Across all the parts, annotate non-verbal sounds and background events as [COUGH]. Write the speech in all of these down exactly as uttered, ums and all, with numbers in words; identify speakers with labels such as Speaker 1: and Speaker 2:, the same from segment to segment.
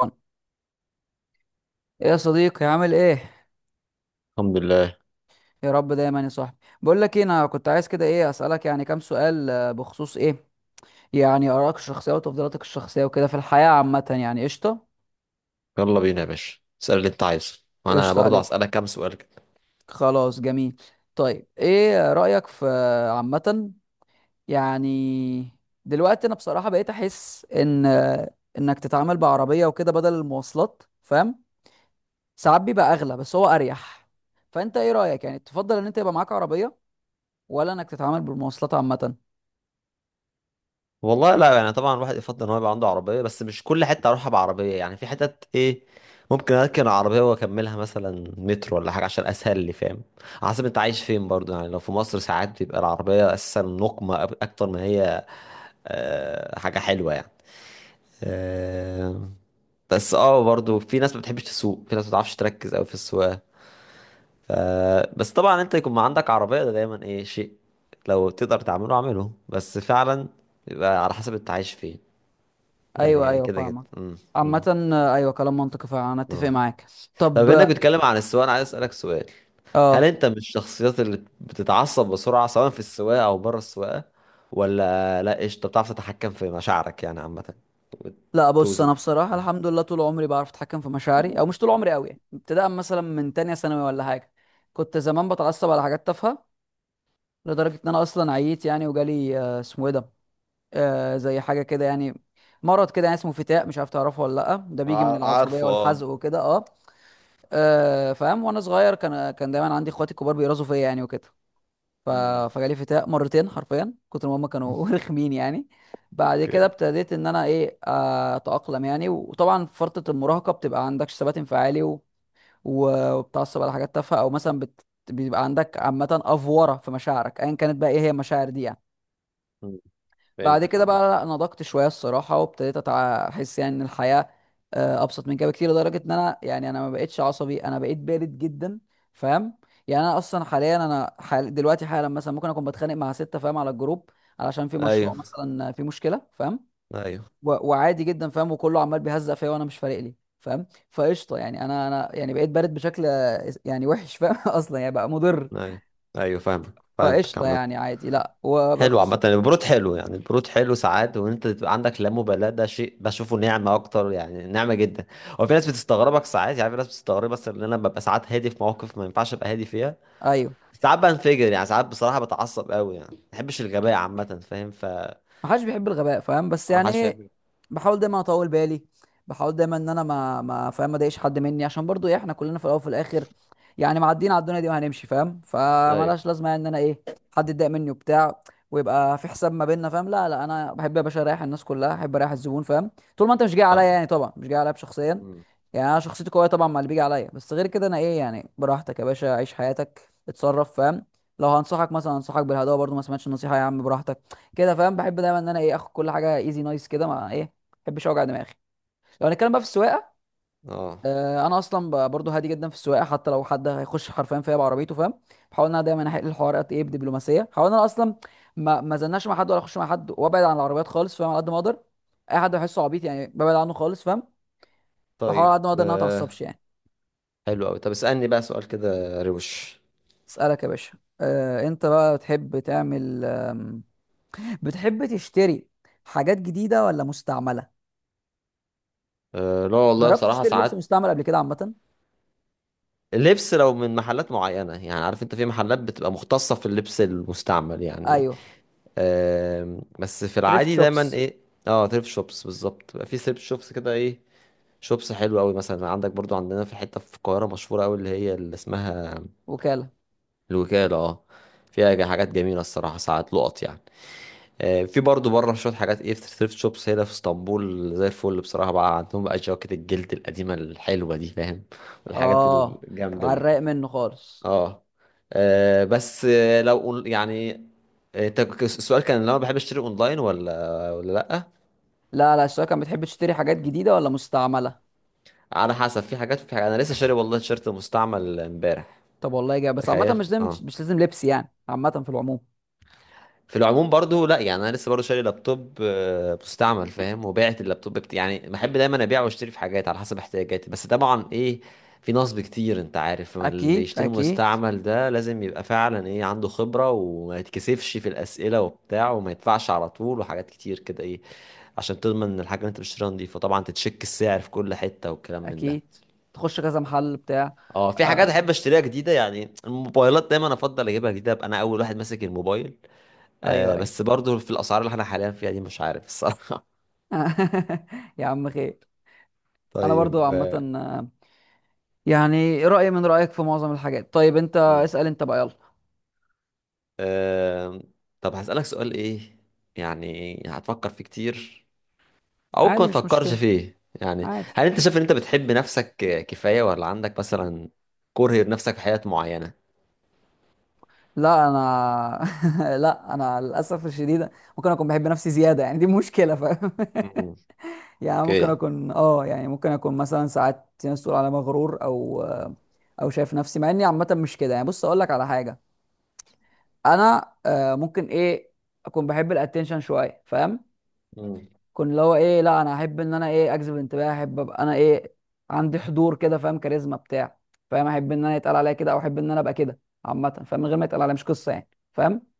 Speaker 1: ايه؟ يا صديقي، عامل ايه؟
Speaker 2: الحمد لله.
Speaker 1: يا رب دايما يا صاحبي. بقول لك ايه، انا كنت عايز كده ايه اسالك يعني كام سؤال، آه، بخصوص ايه يعني ارائك الشخصيه وتفضيلاتك الشخصيه وكده في الحياه عامه. يعني قشطه.
Speaker 2: يلا بينا يا باشا، اسأل اللي انت عايزه، وانا
Speaker 1: قشطه
Speaker 2: برضو
Speaker 1: عليك.
Speaker 2: هسألك كام سؤال كده.
Speaker 1: خلاص، جميل. طيب ايه رايك في آه، عامه يعني دلوقتي؟ انا بصراحه بقيت احس ان آه، انك تتعامل بعربيه وكده بدل المواصلات، فاهم؟ ساعات بيبقى اغلى بس هو اريح. فانت ايه رايك يعني، تفضل ان انت يبقى معاك عربيه، ولا انك تتعامل بالمواصلات عامه؟
Speaker 2: والله لا يعني، طبعا الواحد يفضل ان هو يبقى عنده عربية، بس مش كل حتة اروحها بعربية. يعني في حتت ايه ممكن اركن عربية واكملها مثلا مترو ولا حاجة، عشان اسهل لي، فاهم؟ على حسب انت عايش فين برضو، يعني لو في مصر ساعات بيبقى العربية اساسا نقمة أب- اكتر ما هي آه، حاجة حلوة يعني. آه، بس اه برضو في ناس ما بتحبش تسوق، في ناس ما بتعرفش تركز قوي في السواقة. ف... بس طبعا انت يكون ما عندك عربية ده دايما ايه شيء، لو تقدر تعمله اعمله بس فعلا. يبقى على حسب انت عايش فين. ده
Speaker 1: ايوه
Speaker 2: يعني
Speaker 1: ايوه،
Speaker 2: كده كده
Speaker 1: فاهمك
Speaker 2: امم
Speaker 1: عامة.
Speaker 2: امم
Speaker 1: آه، ايوه، كلام منطقي فعلا، انا اتفق
Speaker 2: اه.
Speaker 1: معاك.
Speaker 2: طب
Speaker 1: طب اه،
Speaker 2: انك بتتكلم عن السواقة، انا عايز اسألك سؤال: هل
Speaker 1: آه،
Speaker 2: انت من الشخصيات اللي بتتعصب بسرعة، سواء في السواقة او بره السواقة؟ ولا لا، قشطة بتعرف تتحكم في مشاعرك يعني عامة
Speaker 1: لا بص،
Speaker 2: وتوزن؟
Speaker 1: انا بصراحة الحمد لله طول عمري بعرف اتحكم في مشاعري، او مش طول عمري قوي يعني، ابتداء مثلا من تانية ثانوي ولا حاجة. كنت زمان بتعصب على حاجات تافهة لدرجة ان انا اصلا عييت يعني، وجالي آه، اسمه ايه ده، آه، زي حاجة كده يعني، مرض كده يعني اسمه فتاق، مش عارف تعرفه ولا لا؟ ده بيجي من
Speaker 2: ع-
Speaker 1: العصبية
Speaker 2: عارفه اه.
Speaker 1: والحزق وكده. اه، آه، فاهم؟ وانا صغير كان كان دايما عندي اخواتي الكبار بيرازوا فيا يعني وكده. ف...
Speaker 2: امم
Speaker 1: فجالي فتاق مرتين حرفيا كتر ما هما كانوا [LAUGHS]
Speaker 2: [LAUGHS]
Speaker 1: رخمين يعني. بعد كده
Speaker 2: اوكي.
Speaker 1: ابتديت ان انا ايه آه، اتاقلم يعني، وطبعا في فتره المراهقه بتبقى عندكش ثبات انفعالي و... و- وبتعصب على حاجات تافهه، او مثلا بت... بيبقى عندك عامه افوره في مشاعرك ايا كانت، بقى ايه هي المشاعر دي يعني.
Speaker 2: أمم،
Speaker 1: بعد
Speaker 2: فهمتك
Speaker 1: كده
Speaker 2: عامة.
Speaker 1: بقى لا، نضجت شويه الصراحه، وابتديت أتع- احس يعني ان الحياه آه، ابسط من كده بكتير، لدرجه ان انا يعني انا ما بقتش عصبي، انا بقيت بارد جدا. فاهم؟ يعني انا اصلا حاليا، انا حال دلوقتي حالا مثلا ممكن اكون بتخانق مع سته، فاهم؟ على الجروب علشان في مشروع
Speaker 2: ايوه،
Speaker 1: مثلا، في مشكله، فاهم؟
Speaker 2: ايوه،
Speaker 1: و- وعادي جدا فاهم، وكله عمال بيهزق فيا وانا مش فارق لي، فاهم؟ فقشطه يعني، انا انا يعني بقيت بارد بشكل آه، يعني وحش، فاهم؟ [LAUGHS] اصلا يعني بقى مضر.
Speaker 2: ايوه، ايوه فاهمك، فهمتك
Speaker 1: فقشطه
Speaker 2: عامة.
Speaker 1: يعني، عادي. لا،
Speaker 2: حلو،
Speaker 1: وبخص.
Speaker 2: عامة البرود حلو، يعني البرود حلو ساعات، وان انت تبقى عندك لا مبالاة ده شيء بشوفه نعمة اكتر، يعني نعمة جدا. هو في ناس بتستغربك ساعات، يعني في ناس بتستغرب بس ان انا ببقى ساعات هادي في مواقف ما ينفعش ابقى هادي فيها.
Speaker 1: ايوه،
Speaker 2: ساعات بنفجر يعني، ساعات بصراحة بتعصب قوي يعني، ما بحبش الغباء عامة. فاهم ف
Speaker 1: ما حدش بيحب الغباء، فاهم؟ بس
Speaker 2: ما
Speaker 1: يعني
Speaker 2: حدش
Speaker 1: ايه،
Speaker 2: بيحب.
Speaker 1: بحاول دايما اطول بالي، بحاول دايما ان انا ما ما فاهم ما اضايقش حد مني، عشان برضو ايه، احنا كلنا في الاول وفي الاخر يعني معديين على الدنيا دي وهنمشي، فاهم؟
Speaker 2: ايوه.
Speaker 1: فمالهاش لازمه يعني ان انا ايه حد يتضايق مني وبتاع ويبقى في حساب ما بيننا، فاهم؟ لا لا، انا بحب يا باشا اريح الناس كلها، احب اريح الزبون، فاهم؟ طول ما انت مش جاي عليا
Speaker 2: اه.
Speaker 1: يعني، طبعا مش جاي عليا بشخصيا،
Speaker 2: أمم.
Speaker 1: يعني انا شخصيتي قويه طبعا مع اللي بيجي عليا، بس غير كده انا ايه يعني براحتك يا باشا، عيش حياتك، اتصرف، فاهم؟ لو هنصحك مثلا انصحك بالهدوء، برضو ما سمعتش النصيحه يا عم براحتك كده، فاهم؟ بحب دايما ان انا ايه اخد كل حاجه ايزي نايس كده، مع ايه، ما بحبش اوجع دماغي. لو هنتكلم بقى في السواقه،
Speaker 2: اه.
Speaker 1: آه، انا اصلا ب- برضو هادي جدا في السواقه، حتى لو حد هيخش حرفيا فيا بعربيته، فاهم؟ بحاول ان انا دايما احل الحوار قد ايه بدبلوماسيه، بحاول ان انا اصلا ما ما زلناش مع حد، ولا اخش مع حد، وابعد عن العربيات خالص، فاهم؟ على قد ما اقدر، اي حد بحسه عبيط يعني ببعد عنه خالص، فاهم؟ بحاول على
Speaker 2: طيب
Speaker 1: قد ما اقدر ان انا ما اتعصبش
Speaker 2: آه.
Speaker 1: يعني.
Speaker 2: حلو قوي. طب اسألني بقى سؤال كده روش.
Speaker 1: اسالك يا باشا، أه انت بقى بتحب تعمل آم، بتحب تشتري حاجات جديده ولا مستعمله؟
Speaker 2: آه. لا والله
Speaker 1: جربت
Speaker 2: بصراحة
Speaker 1: تشتري لبس
Speaker 2: ساعات.
Speaker 1: مستعمل قبل كده عامه؟
Speaker 2: لبس، لو من محلات معينة، يعني عارف انت في محلات بتبقى مختصة في اللبس المستعمل يعني.
Speaker 1: ايوه،
Speaker 2: آم، بس في
Speaker 1: تريفت
Speaker 2: العادي دايما
Speaker 1: شوبس.
Speaker 2: ايه. اه، ثريفت شوبس بالظبط، بيبقى في ثريفت شوبس كده ايه شوبس حلوة قوي. مثلا عندك برضو عندنا في حتة في القاهرة مشهورة قوي، اللي هي اللي اسمها
Speaker 1: وكالة.
Speaker 2: الوكالة اه. فيها جا- حاجات جميلة الصراحة، ساعات لقط يعني. آه، في برضو بره شوية حاجات ايه في ثريفت شوبس هنا في اسطنبول زي الفل بصراحة، بقى عندهم بقى جواكت الجلد القديمة الحلوة دي، فاهم؟ والحاجات
Speaker 1: اه،
Speaker 2: الجامدة
Speaker 1: على
Speaker 2: دي.
Speaker 1: الرايق منه خالص.
Speaker 2: اه. آه، بس آه، لو أون- يعني آه، ت- ك- السؤال كان لو انا بحب اشتري اونلاين ولا ولا لا.
Speaker 1: لا لا، الشباب كان بتحب تشتري حاجات جديدة ولا مستعملة؟
Speaker 2: على حسب، في حاجات في حاجات انا لسه شاري والله تيشيرت مستعمل امبارح.
Speaker 1: طب والله جاي، بس عامة
Speaker 2: تخيل
Speaker 1: مش لازم
Speaker 2: اه.
Speaker 1: مش لازم لبس يعني، عامة في العموم.
Speaker 2: في العموم برضو لا يعني، انا لسه برضو شاري لابتوب آه، مستعمل فاهم، وبعت اللابتوب بت... يعني بحب دايما ابيع واشتري في حاجات على حسب احتياجاتي، بس طبعا ايه، في نصب كتير انت عارف. ما اللي
Speaker 1: اكيد
Speaker 2: يشتري
Speaker 1: اكيد.
Speaker 2: مستعمل ده لازم يبقى فعلا ايه، عنده خبرة وما يتكسفش في الاسئلة وبتاع وما يدفعش على طول وحاجات كتير كده ايه، عشان تضمن ان الحاجة اللي انت بتشتريها نضيفة. طبعا تتشك السعر في كل حتة والكلام من
Speaker 1: اكيد،
Speaker 2: ده.
Speaker 1: تخش كذا محل بتاع.
Speaker 2: اه، في حاجات احب
Speaker 1: آه.
Speaker 2: اشتريها جديدة، يعني الموبايلات دايما افضل اجيبها جديدة، ابقى انا اول واحد ماسك الموبايل.
Speaker 1: ايوه
Speaker 2: آه
Speaker 1: ايوه.
Speaker 2: بس برضو في الاسعار اللي احنا حاليا فيها دي، مش عارف الصراحه.
Speaker 1: [LAUGHS] يا عم خير.
Speaker 2: [LAUGHS]
Speaker 1: انا برضو
Speaker 2: طيب آه
Speaker 1: عامة، آه، يعني رأيي من رأيك في معظم الحاجات. طيب انت
Speaker 2: مم.
Speaker 1: اسأل انت بقى يلا.
Speaker 2: آه، طب هسألك سؤال ايه، يعني هتفكر فيه كتير او ممكن
Speaker 1: عادي
Speaker 2: ما
Speaker 1: مش
Speaker 2: تفكرش
Speaker 1: مشكلة.
Speaker 2: فيه: يعني
Speaker 1: عادي.
Speaker 2: هل انت شايف ان انت بتحب نفسك كفاية؟ ولا عندك مثلا كره لنفسك في حاجات معينة؟
Speaker 1: لا انا [LAUGHS] لا انا للاسف الشديد ممكن اكون بحب نفسي زياده يعني، دي مشكله، فاهم؟
Speaker 2: مم.
Speaker 1: [LAUGHS] يعني ممكن
Speaker 2: اوكي.
Speaker 1: اكون اه، يعني ممكن اكون مثلا ساعات في ناس تقول على مغرور، او او شايف نفسي، مع اني عامه مش كده يعني. بص اقول لك على حاجه، انا آه، ممكن ايه اكون بحب الاتنشن شويه، فاهم؟
Speaker 2: مم.
Speaker 1: كنت اللي هو ايه، لا انا احب ان انا ايه اجذب انتباه، احب ابقى انا ايه عندي حضور كده، فاهم؟ كاريزما بتاع، فاهم؟ احب ان انا يتقال عليا كده، او احب ان انا ابقى كده عامه، فاهم؟ من غير ما يتقال عليا مش قصه يعني، فاهم؟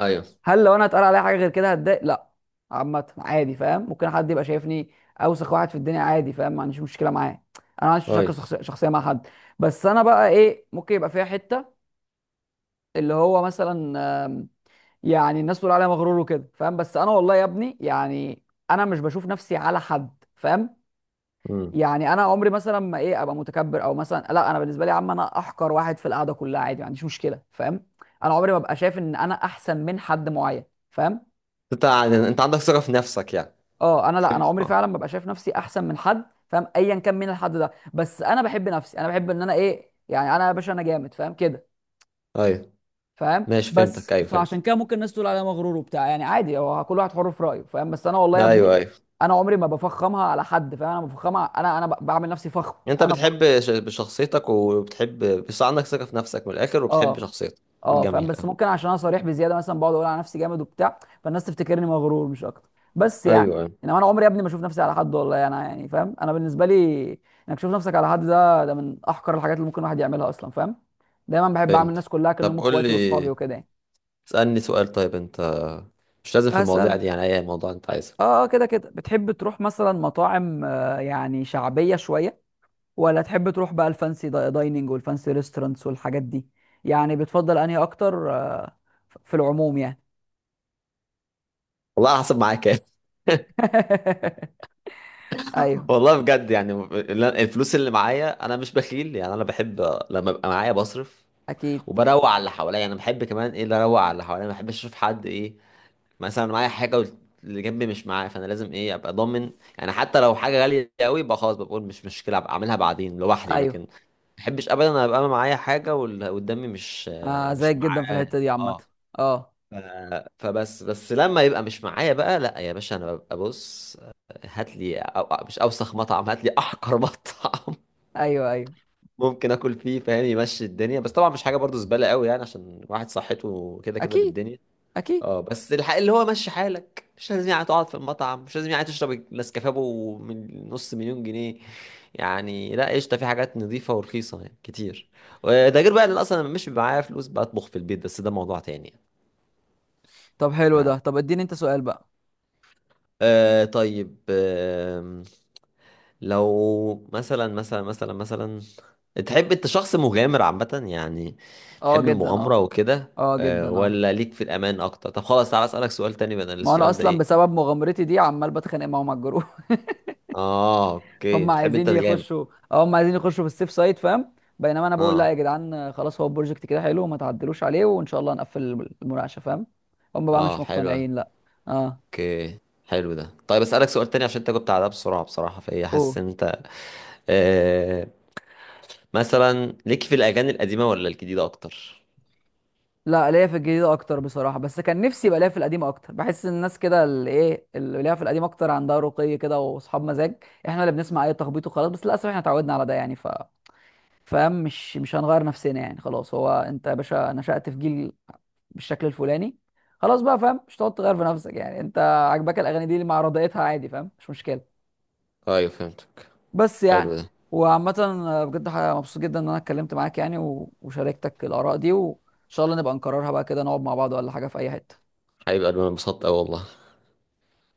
Speaker 2: ايوه
Speaker 1: هل لو انا اتقال عليا حاجه غير كده هتضايق؟ لا، عامه عادي، فاهم؟ ممكن حد يبقى شايفني اوسخ واحد في الدنيا عادي، فاهم؟ ما عنديش مشكله معاه، انا ما عنديش مشاكل
Speaker 2: ايوه.
Speaker 1: شخص- شخصيه مع حد. بس انا بقى ايه ممكن يبقى فيها حته اللي هو مثلا آم، يعني الناس تقول عليا مغرور وكده، فاهم؟ بس انا والله يا ابني يعني انا مش بشوف نفسي على حد، فاهم؟
Speaker 2: مم.
Speaker 1: يعني انا عمري مثلا ما ايه ابقى متكبر، او مثلا لا انا بالنسبه لي يا عم انا احقر واحد في القعده كلها عادي، ما عنديش مشكله، فاهم؟ انا عمري ما ابقى شايف ان انا احسن من حد معين، فاهم؟
Speaker 2: انت انت عندك ثقة في نفسك يعني؟
Speaker 1: اه، انا لا، انا
Speaker 2: تحب
Speaker 1: عمري
Speaker 2: اه.
Speaker 1: فعلا ما ببقى شايف نفسي احسن من حد، فاهم؟ ايا كان مين الحد ده، بس انا بحب نفسي، انا بحب ان انا ايه يعني، انا يا باشا انا جامد، فاهم كده؟
Speaker 2: ايوه.
Speaker 1: فاهم؟
Speaker 2: ماشي، فهمتك
Speaker 1: بس
Speaker 2: ايوه
Speaker 1: فعشان
Speaker 2: فهمتك.
Speaker 1: كده ممكن الناس تقول عليا مغرور وبتاع يعني، عادي هو كل واحد حر في رايه، فاهم؟ بس انا والله يا ابني
Speaker 2: ايوه ايوه.
Speaker 1: انا عمري ما بفخمها على حد، فاهم؟ انا بفخمها، انا انا ب- بعمل نفسي فخم.
Speaker 2: انت
Speaker 1: انا فخم.
Speaker 2: بتحب ش- شخصيتك وبتحب، بس عندك ثقة في نفسك من الاخر وبتحب
Speaker 1: اه.
Speaker 2: شخصيتك.
Speaker 1: اه، فاهم؟
Speaker 2: جميل
Speaker 1: بس
Speaker 2: أوي.
Speaker 1: ممكن عشان انا صريح بزياده مثلا بقعد اقول على نفسي جامد وبتاع، فالناس تفتكرني مغرور مش اكتر. بس يعني
Speaker 2: ايوه أيوة.
Speaker 1: انما انا عمري يا ابني ما اشوف نفسي على حد، والله انا يعني، فاهم؟ انا بالنسبه لي انك تشوف نفسك على حد ده ده من احقر الحاجات اللي ممكن الواحد يعملها اصلا، فاهم؟ دايما بحب اعمل
Speaker 2: فهمت.
Speaker 1: الناس كلها كانهم
Speaker 2: طب قول لي،
Speaker 1: اخواتي واصحابي وكده يعني.
Speaker 2: اسألني سؤال طيب انت، مش لازم في المواضيع
Speaker 1: هسألك
Speaker 2: دي، يعني اي موضوع انت عايزه.
Speaker 1: اه، آه، كده كده بتحب تروح مثلا مطاعم آه، يعني شعبيه شويه، ولا تحب تروح بقى الفانسي دا- دايننج والفانسي ريستورانتس والحاجات دي؟ يعني بتفضل انهي اكتر آه، ف- في العموم يعني؟
Speaker 2: والله على حسب معايا كام.
Speaker 1: [LAUGHS]
Speaker 2: [LAUGHS]
Speaker 1: ايوه
Speaker 2: والله بجد يعني، اللي- أنا- الفلوس اللي معايا انا مش بخيل يعني، انا بحب لما ببقى معايا بصرف
Speaker 1: اكيد.
Speaker 2: وبروق على اللي حواليا. يعني انا بحب كمان ايه، اللي اروق على اللي حواليا، ما بحبش اشوف حد ايه مثلا معايا حاجه واللي جنبي مش معاه، فانا لازم ايه ابقى ضامن. يعني حتى لو حاجه غاليه قوي، يبقى خلاص بقول مش مشكله، ابقى اعملها بعدين لوحدي، لكن
Speaker 1: ايوه،
Speaker 2: ما بحبش ابدا ابقى انا معايا حاجه واللي قدامي مش
Speaker 1: آه
Speaker 2: مش
Speaker 1: زيك جدا في
Speaker 2: معاه
Speaker 1: الحته دي عامه.
Speaker 2: اه.
Speaker 1: اه.
Speaker 2: ف- فبس بس لما يبقى مش معايا بقى، لا يا باشا انا ببقى بص، هات لي أو مش اوسخ مطعم، هات لي احقر [LAUGHS] مطعم
Speaker 1: ايوه ايوه.
Speaker 2: ممكن اكل فيه فاهم، يمشي الدنيا. بس طبعا مش حاجه برضو زباله قوي يعني، عشان واحد صحته كده كده
Speaker 1: اكيد
Speaker 2: بالدنيا.
Speaker 1: اكيد.
Speaker 2: اه، بس الحق اللي هو مشي حالك، مش لازم يعني تقعد في المطعم، مش لازم يعني تشرب النسكافيه أبو من نص مليون جنيه. يعني لا قشطه، في حاجات نظيفه ورخيصه يعني كتير. وده غير بقى ان اصلا أنا مش بيبقى معايا فلوس، بطبخ في البيت، بس ده موضوع تاني يعني.
Speaker 1: طب حلو
Speaker 2: آه
Speaker 1: ده، طب اديني انت سؤال بقى.
Speaker 2: آه، طيب آه لو مثلا مثلا مثلا مثلا تحب انت شخص مغامر عامة يعني،
Speaker 1: اه
Speaker 2: تحب
Speaker 1: جدا،
Speaker 2: المغامرة
Speaker 1: اه.
Speaker 2: وكده
Speaker 1: اه جدا،
Speaker 2: آه؟
Speaker 1: اه.
Speaker 2: ولا ليك في الأمان أكتر؟ طب خلاص تعالى أسألك سؤال تاني بدل
Speaker 1: ما انا
Speaker 2: السؤال ده
Speaker 1: اصلا
Speaker 2: إيه.
Speaker 1: بسبب مغامرتي دي عمال بتخانق معاهم على الجروب. [LAUGHS]
Speaker 2: اه اوكي،
Speaker 1: هم
Speaker 2: بتحب
Speaker 1: عايزين
Speaker 2: انت الجامد.
Speaker 1: يخشوا. اه، هم عايزين يخشوا في السيف سايت، فاهم؟ بينما انا بقول لا
Speaker 2: اه،
Speaker 1: يا جدعان، آه، خلاص هو البروجكت كده حلو، ما تعدلوش عليه، وان شاء الله هنقفل الم- المناقشه، فاهم؟ هم بقى مش
Speaker 2: اه، حلو
Speaker 1: مقتنعين لا. اه.
Speaker 2: اوكي. حلو ده. طيب اسالك سؤال تاني عشان انت جبت على ده بسرعه بصراحه، فهي
Speaker 1: قول.
Speaker 2: حاسس ان انت آه، مثلا ليك في الاغاني القديمه ولا الجديده اكتر؟
Speaker 1: لا، ليا في الجديدة أكتر بصراحة، بس كان نفسي يبقى ليا في القديم أكتر. بحس إن الناس كده اللي إيه اللي ليها في القديم أكتر عندها رقي كده وأصحاب مزاج، إحنا اللي بنسمع أي تخبيط وخلاص. بس للأسف إحنا اتعودنا على ده يعني، ف فاهم؟ مش مش هنغير نفسنا يعني، خلاص هو أنت يا باشا نشأت في جيل بالشكل الفلاني، خلاص بقى، فاهم؟ مش هتقعد تغير في نفسك يعني، أنت عاجباك الأغاني دي اللي مع رضايتها، عادي فاهم، مش مشكلة.
Speaker 2: ايوه فهمتك.
Speaker 1: بس يعني
Speaker 2: حلو ده.
Speaker 1: وعامة، آه، بجد ح- مبسوط جدا إن أنا اتكلمت معاك يعني و- وشاركتك الآراء دي، وإن شاء الله نبقى نكررها بقى كده، نقعد مع بعض ولا حاجة في أي حتة.
Speaker 2: هيبقى انا انبسطت اوي والله.